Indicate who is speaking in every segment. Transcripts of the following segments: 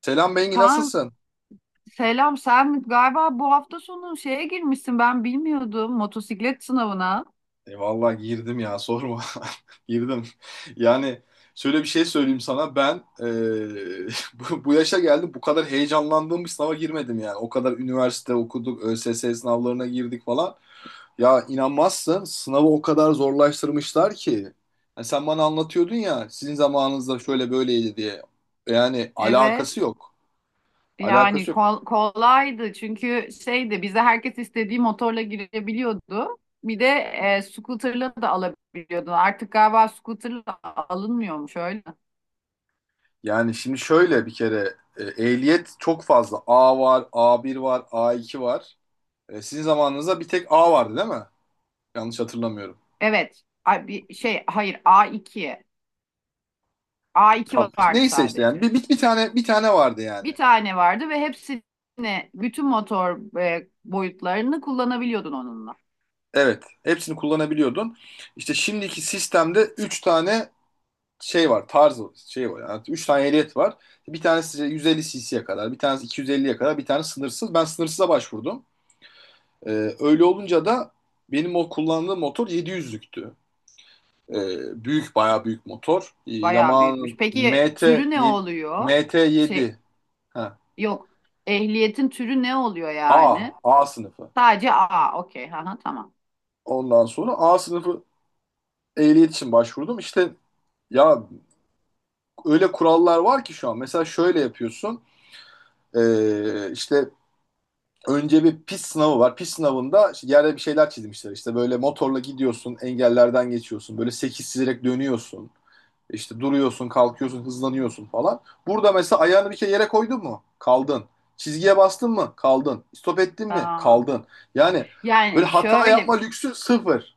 Speaker 1: Selam Bengi
Speaker 2: Kaan,
Speaker 1: nasılsın?
Speaker 2: selam. Sen galiba bu hafta sonu şeye girmişsin, ben bilmiyordum, motosiklet sınavına.
Speaker 1: Vallahi girdim ya sorma. Girdim. Yani şöyle bir şey söyleyeyim sana ben, bu yaşa geldim, bu kadar heyecanlandığım bir sınava girmedim yani. O kadar üniversite okuduk, ÖSS sınavlarına girdik falan. Ya inanmazsın, sınavı o kadar zorlaştırmışlar ki. Yani sen bana anlatıyordun ya sizin zamanınızda şöyle böyleydi diye. Yani
Speaker 2: Evet,
Speaker 1: alakası yok.
Speaker 2: yani
Speaker 1: Alakası yok.
Speaker 2: kolaydı çünkü şeydi, bize herkes istediği motorla girebiliyordu. Bir de scooter'la da alabiliyordu. Artık galiba scooter'la alınmıyormuş öyle.
Speaker 1: Yani şimdi şöyle bir kere ehliyet çok fazla. A var, A1 var, A2 var. Sizin zamanınızda bir tek A vardı değil mi? Yanlış hatırlamıyorum.
Speaker 2: Evet, A- bir şey hayır, A2. A2
Speaker 1: Tamam.
Speaker 2: vardı
Speaker 1: Neyse işte yani
Speaker 2: sadece.
Speaker 1: bir tane vardı yani.
Speaker 2: Bir tane vardı ve hepsini, bütün motor boyutlarını kullanabiliyordun onunla.
Speaker 1: Evet. Hepsini kullanabiliyordun. İşte şimdiki sistemde 3 tane şey var, tarzı şey var. Yani 3 tane ehliyet var. Bir tanesi 150 cc'ye kadar, bir tanesi 250'ye kadar, bir tane sınırsız. Ben sınırsıza başvurdum. E, Öyle olunca da benim o kullandığım motor 700'lüktü. Büyük, bayağı büyük motor.
Speaker 2: Bayağı büyükmüş.
Speaker 1: Yamaha'nın
Speaker 2: Peki türü ne
Speaker 1: MT7,
Speaker 2: oluyor? Şey
Speaker 1: MT7 ha,
Speaker 2: Yok. Ehliyetin türü ne oluyor
Speaker 1: A
Speaker 2: yani?
Speaker 1: A sınıfı.
Speaker 2: Sadece A. Okey. Aha, tamam.
Speaker 1: Ondan sonra A sınıfı ehliyet için başvurdum. İşte ya öyle kurallar var ki şu an. Mesela şöyle yapıyorsun. İşte önce bir pist sınavı var. Pist sınavında işte yerde bir şeyler çizmişler. İşte böyle motorla gidiyorsun, engellerden geçiyorsun. Böyle 8 çizerek dönüyorsun. İşte duruyorsun, kalkıyorsun, hızlanıyorsun falan. Burada mesela ayağını bir kere yere koydun mu? Kaldın. Çizgiye bastın mı? Kaldın. Stop ettin mi?
Speaker 2: Aa.
Speaker 1: Kaldın. Yani böyle
Speaker 2: Yani
Speaker 1: hata
Speaker 2: şöyle,
Speaker 1: yapma lüksü sıfır.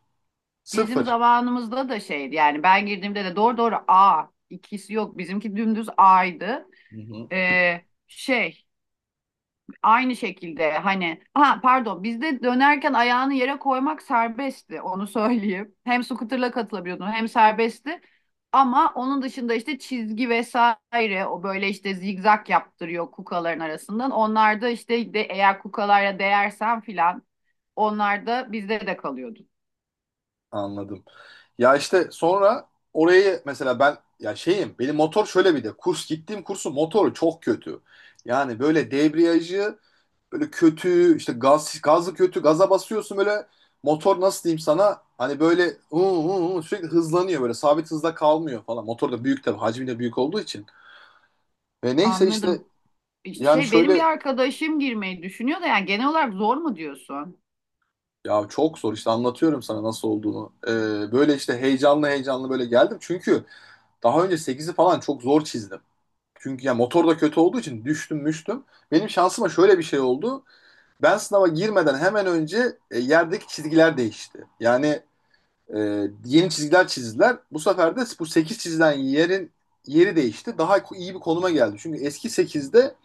Speaker 2: bizim
Speaker 1: Sıfır.
Speaker 2: zamanımızda da şeydi, yani ben girdiğimde de doğru, A ikisi yok. Bizimki dümdüz A'ydı.
Speaker 1: Hı hı.
Speaker 2: Ee, şey Aynı şekilde, hani, ha, pardon, bizde dönerken ayağını yere koymak serbestti, onu söyleyeyim. Hem scooter'la katılabiliyordun hem serbestti. Ama onun dışında işte çizgi vesaire, o böyle işte zigzag yaptırıyor kukaların arasından. Onlar da işte de, eğer kukalara değersen filan, onlar da bizde de kalıyordu.
Speaker 1: Anladım. Ya işte sonra orayı mesela ben, ya şeyim, benim motor şöyle, bir de kurs gittiğim kursun motoru çok kötü. Yani böyle debriyajı böyle kötü, işte gaz gazı kötü, gaza basıyorsun böyle. Motor, nasıl diyeyim sana, hani böyle uu, uu, uu, sürekli hızlanıyor, böyle sabit hızda kalmıyor falan. Motor da büyük tabii, hacmi de büyük olduğu için. Ve neyse işte
Speaker 2: Anladım.
Speaker 1: yani
Speaker 2: Benim
Speaker 1: şöyle,
Speaker 2: bir arkadaşım girmeyi düşünüyor da, yani genel olarak zor mu diyorsun?
Speaker 1: ya çok zor işte, anlatıyorum sana nasıl olduğunu. Böyle işte heyecanlı heyecanlı böyle geldim. Çünkü daha önce sekizi falan çok zor çizdim. Çünkü ya motor da kötü olduğu için düştüm müştüm. Benim şansıma şöyle bir şey oldu. Ben sınava girmeden hemen önce, yerdeki çizgiler değişti. Yani, yeni çizgiler çizdiler. Bu sefer de bu 8 çizilen yerin yeri değişti. Daha iyi bir konuma geldi. Çünkü eski sekizde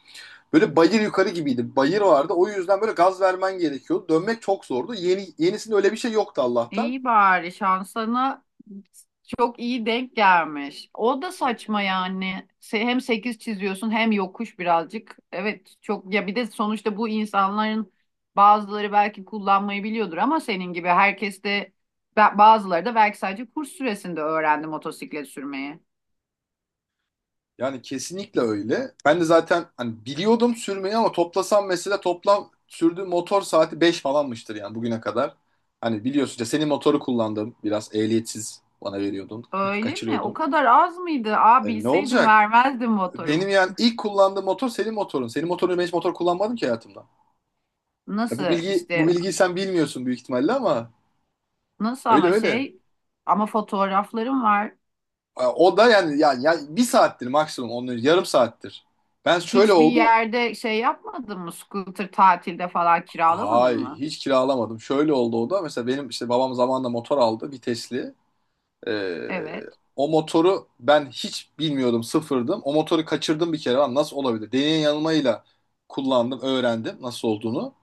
Speaker 1: böyle bayır yukarı gibiydi. Bayır vardı. O yüzden böyle gaz vermen gerekiyordu. Dönmek çok zordu. Yeni yenisinde öyle bir şey yoktu Allah'tan.
Speaker 2: İyi, bari şansına çok iyi denk gelmiş. O da saçma yani. Hem 8 çiziyorsun hem yokuş birazcık. Evet, çok. Ya bir de sonuçta bu insanların bazıları belki kullanmayı biliyordur ama senin gibi herkes de bazıları da belki sadece kurs süresinde öğrendi motosiklet sürmeyi.
Speaker 1: Yani kesinlikle öyle. Ben de zaten hani biliyordum sürmeyi ama toplasam mesela toplam sürdüğüm motor saati 5 falanmıştır yani bugüne kadar. Hani biliyorsun ya, senin motoru kullandım. Biraz ehliyetsiz bana veriyordun.
Speaker 2: Öyle mi? O
Speaker 1: Kaçırıyordum.
Speaker 2: kadar az mıydı? Aa,
Speaker 1: Ne
Speaker 2: bilseydim
Speaker 1: olacak?
Speaker 2: vermezdim
Speaker 1: Benim
Speaker 2: motorumu.
Speaker 1: yani ilk kullandığım motor senin motorun. Senin motorunu, ben hiç motor kullanmadım ki hayatımda. Ya
Speaker 2: Nasıl
Speaker 1: bu bilgi, bu
Speaker 2: işte,
Speaker 1: bilgiyi sen bilmiyorsun büyük ihtimalle ama
Speaker 2: nasıl,
Speaker 1: öyle öyle.
Speaker 2: ama fotoğraflarım var.
Speaker 1: O da yani ya bir saattir maksimum, onun yarım saattir. Ben, şöyle
Speaker 2: Hiçbir
Speaker 1: oldu.
Speaker 2: yerde şey yapmadın mı? Scooter tatilde falan kiralamadın
Speaker 1: Hay
Speaker 2: mı?
Speaker 1: hiç kiralamadım. Şöyle oldu o da. Mesela benim işte babam zamanında motor aldı, vitesli. Ee,
Speaker 2: Evet.
Speaker 1: O motoru ben hiç bilmiyordum, sıfırdım. O motoru kaçırdım bir kere. Lan nasıl olabilir? Deneye yanılmayla kullandım, öğrendim nasıl olduğunu.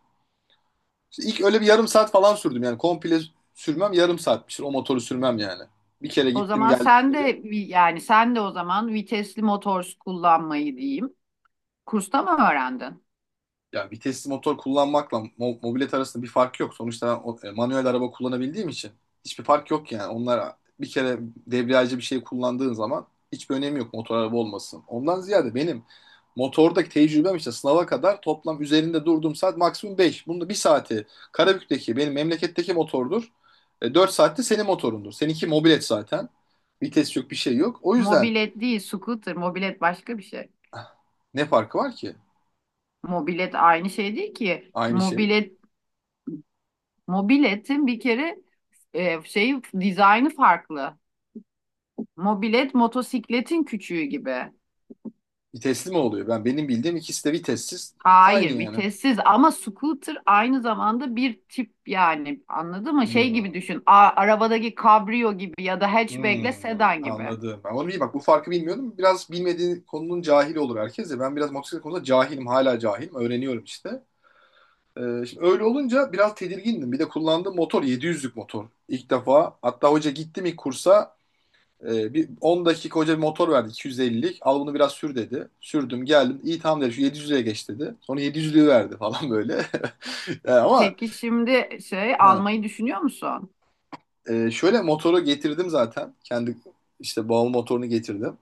Speaker 1: İşte ilk öyle bir yarım saat falan sürdüm yani, komple sürmem yarım saatmiştir, o motoru sürmem yani. Bir kere
Speaker 2: O
Speaker 1: gittim
Speaker 2: zaman
Speaker 1: geldim
Speaker 2: sen de
Speaker 1: şöyle.
Speaker 2: yani sen de o zaman vitesli motor kullanmayı diyeyim. Kursta mı öğrendin?
Speaker 1: Ya vitesli motor kullanmakla mobilet arasında bir fark yok. Sonuçta ben manuel araba kullanabildiğim için hiçbir fark yok yani. Onlar bir kere debriyajcı bir şey kullandığın zaman hiçbir önemi yok, motor araba olmasın. Ondan ziyade benim motordaki tecrübem, işte sınava kadar toplam üzerinde durduğum saat maksimum 5. Bunda bir saati Karabük'teki benim memleketteki motordur. 4 saatte senin motorundur. Seninki mobilet zaten. Vites yok, bir şey yok. O yüzden
Speaker 2: Mobilet değil, scooter. Mobilet başka bir şey.
Speaker 1: ne farkı var ki?
Speaker 2: Mobilet aynı şey değil ki.
Speaker 1: Aynı şey.
Speaker 2: Mobiletin bir kere dizaynı farklı. Mobilet motosikletin küçüğü gibi.
Speaker 1: Vitesli mi oluyor? Benim bildiğim ikisi de vitessiz. Aynı
Speaker 2: Hayır,
Speaker 1: yani.
Speaker 2: vitessiz, ama scooter aynı zamanda bir tip, yani anladın mı? Şey gibi
Speaker 1: Hmm,
Speaker 2: düşün, arabadaki kabrio gibi ya da hatchback'le
Speaker 1: hmm,
Speaker 2: sedan gibi.
Speaker 1: anladım. Ben onu bileyim. Bak bu farkı bilmiyordum. Biraz bilmediği konunun cahili olur herkes de. Ben biraz motosiklet konusunda cahilim. Hala cahilim. Öğreniyorum işte. Şimdi öyle olunca biraz tedirgindim. Bir de kullandığım motor 700'lük motor. İlk defa. Hatta hoca gittim ilk kursa. Bir 10 dakika hoca bir motor verdi, 250'lik. Al bunu biraz sür dedi. Sürdüm geldim. İyi, tamam dedi. Şu 700'lüğe geç dedi. Sonra 700'lüğü verdi falan böyle. Yani ama
Speaker 2: Peki şimdi şey
Speaker 1: ha.
Speaker 2: almayı düşünüyor musun?
Speaker 1: Şöyle, motoru getirdim zaten. Kendi işte bağımlı motorunu getirdim.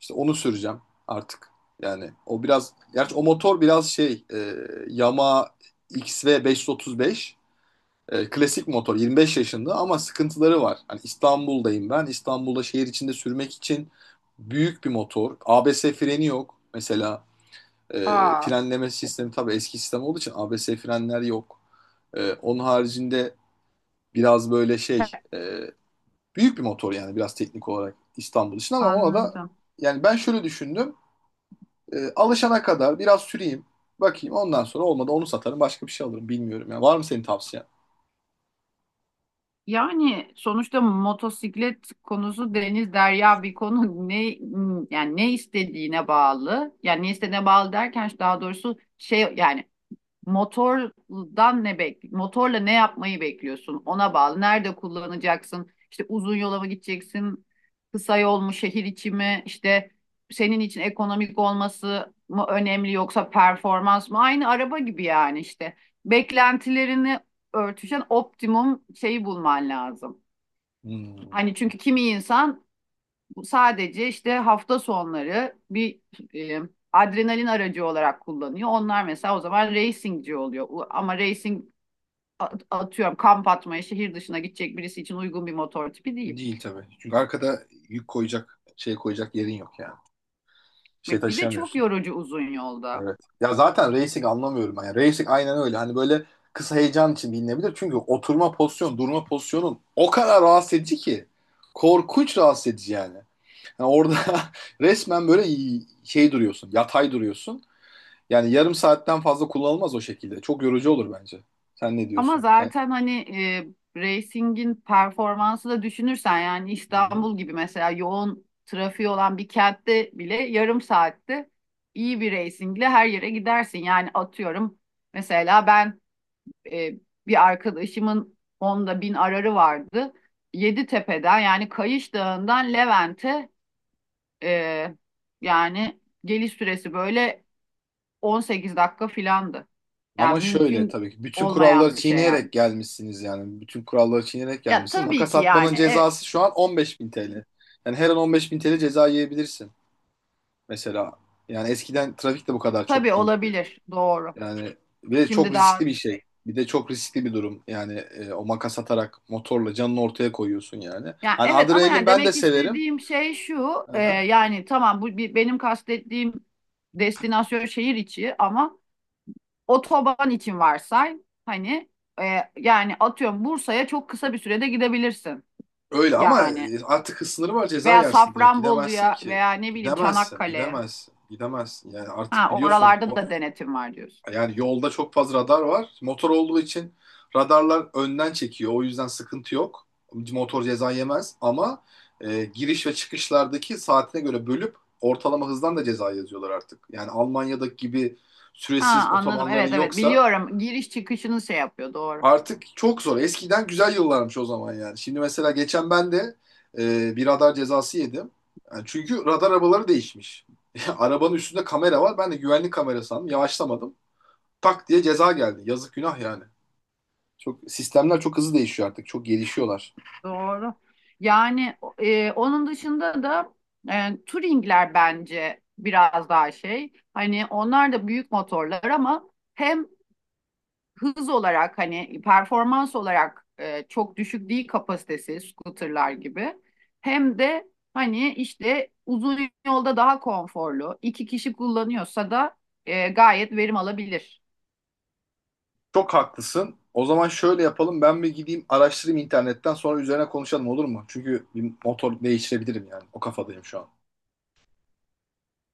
Speaker 1: İşte onu süreceğim artık. Yani o biraz, gerçi o motor biraz şey, Yamaha XV 535, klasik motor, 25 yaşında ama sıkıntıları var. Hani İstanbul'dayım ben. İstanbul'da şehir içinde sürmek için büyük bir motor. ABS freni yok. Mesela e,
Speaker 2: Aa.
Speaker 1: frenleme sistemi tabii eski sistem olduğu için ABS frenler yok. Onun haricinde biraz böyle
Speaker 2: ke-
Speaker 1: şey, büyük bir motor yani, biraz teknik olarak İstanbul için ama ona da
Speaker 2: Anladım.
Speaker 1: yani ben şöyle düşündüm. Alışana kadar biraz süreyim. Bakayım, ondan sonra olmadı onu satarım, başka bir şey alırım bilmiyorum. Yani var mı senin tavsiyen?
Speaker 2: Yani sonuçta motosiklet konusu deniz derya bir konu. Ne yani, ne istediğine bağlı. Yani ne istediğine bağlı derken, daha doğrusu, Motordan ne bek motorla ne yapmayı bekliyorsun? Ona bağlı. Nerede kullanacaksın? İşte uzun yola mı gideceksin? Kısa yol mu, şehir içi mi? İşte senin için ekonomik olması mı önemli yoksa performans mı? Aynı araba gibi yani işte. Beklentilerini örtüşen optimum şeyi bulman lazım.
Speaker 1: Hmm,
Speaker 2: Hani, çünkü kimi insan sadece işte hafta sonları bir e, adrenalin aracı olarak kullanıyor. Onlar mesela o zaman racingci oluyor. Ama racing, atıyorum kamp atmaya şehir dışına gidecek birisi için uygun bir motor tipi değil.
Speaker 1: değil tabii. Çünkü arkada yük koyacak, şey koyacak yerin yok yani. Şey
Speaker 2: Bir de çok
Speaker 1: taşıyamıyorsun.
Speaker 2: yorucu uzun yolda.
Speaker 1: Evet. Ya zaten racing anlamıyorum ben. Yani racing aynen öyle. Hani böyle kısa heyecan için bilinebilir. Çünkü oturma pozisyon, durma pozisyonun o kadar rahatsız edici ki. Korkunç rahatsız edici yani. Yani orada resmen böyle şey duruyorsun, yatay duruyorsun. Yani yarım saatten fazla kullanılmaz o şekilde. Çok yorucu olur bence. Sen ne
Speaker 2: Ama
Speaker 1: diyorsun? Sen...
Speaker 2: zaten hani racing'in performansı da düşünürsen, yani
Speaker 1: Hı hı.
Speaker 2: İstanbul gibi mesela yoğun trafiği olan bir kentte bile yarım saatte iyi bir racingle her yere gidersin. Yani atıyorum, mesela ben e, bir arkadaşımın onda bin ararı vardı. Yeditepe'den, yani Kayış Dağı'ndan Levent'e e, yani geliş süresi böyle 18 dakika filandı.
Speaker 1: Ama
Speaker 2: Yani
Speaker 1: şöyle,
Speaker 2: mümkün
Speaker 1: tabii ki bütün kuralları
Speaker 2: olmayan bir şey yani.
Speaker 1: çiğneyerek gelmişsiniz yani. Bütün kuralları çiğneyerek
Speaker 2: Ya
Speaker 1: gelmişsin.
Speaker 2: tabii
Speaker 1: Makas
Speaker 2: ki
Speaker 1: atmanın
Speaker 2: yani
Speaker 1: cezası şu an 15.000 TL. Yani her an 15.000 TL ceza yiyebilirsin mesela. Yani eskiden trafik de bu kadar
Speaker 2: tabii
Speaker 1: çok değil.
Speaker 2: olabilir, doğru.
Speaker 1: Yani ve çok
Speaker 2: Şimdi
Speaker 1: riskli
Speaker 2: daha
Speaker 1: bir şey.
Speaker 2: şey.
Speaker 1: Bir de çok riskli bir durum. Yani o makas atarak motorla canını ortaya koyuyorsun yani.
Speaker 2: Yani
Speaker 1: Hani
Speaker 2: evet ama
Speaker 1: adrenalin,
Speaker 2: yani
Speaker 1: ben de
Speaker 2: demek
Speaker 1: severim.
Speaker 2: istediğim şey şu,
Speaker 1: Aha.
Speaker 2: yani tamam bu bir, benim kastettiğim destinasyon şehir içi ama Otoban için varsay hani e, yani atıyorum Bursa'ya çok kısa bir sürede gidebilirsin,
Speaker 1: Öyle ama
Speaker 2: yani
Speaker 1: artık hız sınırı var, ceza
Speaker 2: veya
Speaker 1: yersin direkt. Gidemezsin
Speaker 2: Safranbolu'ya
Speaker 1: ki.
Speaker 2: veya ne bileyim
Speaker 1: Gidemezsin,
Speaker 2: Çanakkale'ye.
Speaker 1: gidemezsin, gidemezsin. Yani
Speaker 2: Ha,
Speaker 1: artık biliyorsun
Speaker 2: oralarda
Speaker 1: o.
Speaker 2: da denetim var diyorsun.
Speaker 1: Yani yolda çok fazla radar var. Motor olduğu için radarlar önden çekiyor. O yüzden sıkıntı yok. Motor ceza yemez ama giriş ve çıkışlardaki saatine göre bölüp ortalama hızdan da ceza yazıyorlar artık. Yani Almanya'daki gibi
Speaker 2: Ha,
Speaker 1: süresiz
Speaker 2: anladım,
Speaker 1: otobanların
Speaker 2: evet evet,
Speaker 1: yoksa
Speaker 2: biliyorum, giriş çıkışını şey yapıyor, doğru
Speaker 1: artık çok zor. Eskiden güzel yıllarmış o zaman yani. Şimdi mesela geçen ben de bir radar cezası yedim. Yani çünkü radar arabaları değişmiş. Arabanın üstünde kamera var. Ben de güvenlik kamera sandım. Yavaşlamadım, tak diye ceza geldi. Yazık günah yani. Çok sistemler çok hızlı değişiyor artık. Çok gelişiyorlar.
Speaker 2: doğru. Yani onun dışında da, Touring'ler bence biraz daha şey, hani onlar da büyük motorlar ama hem hız olarak, hani performans olarak çok düşük değil kapasitesi scooterlar gibi. Hem de hani işte uzun yolda daha konforlu. İki kişi kullanıyorsa da gayet verim alabilir.
Speaker 1: Çok haklısın. O zaman şöyle yapalım. Ben bir gideyim araştırayım internetten, sonra üzerine konuşalım olur mu? Çünkü bir motor değiştirebilirim yani. O kafadayım şu an.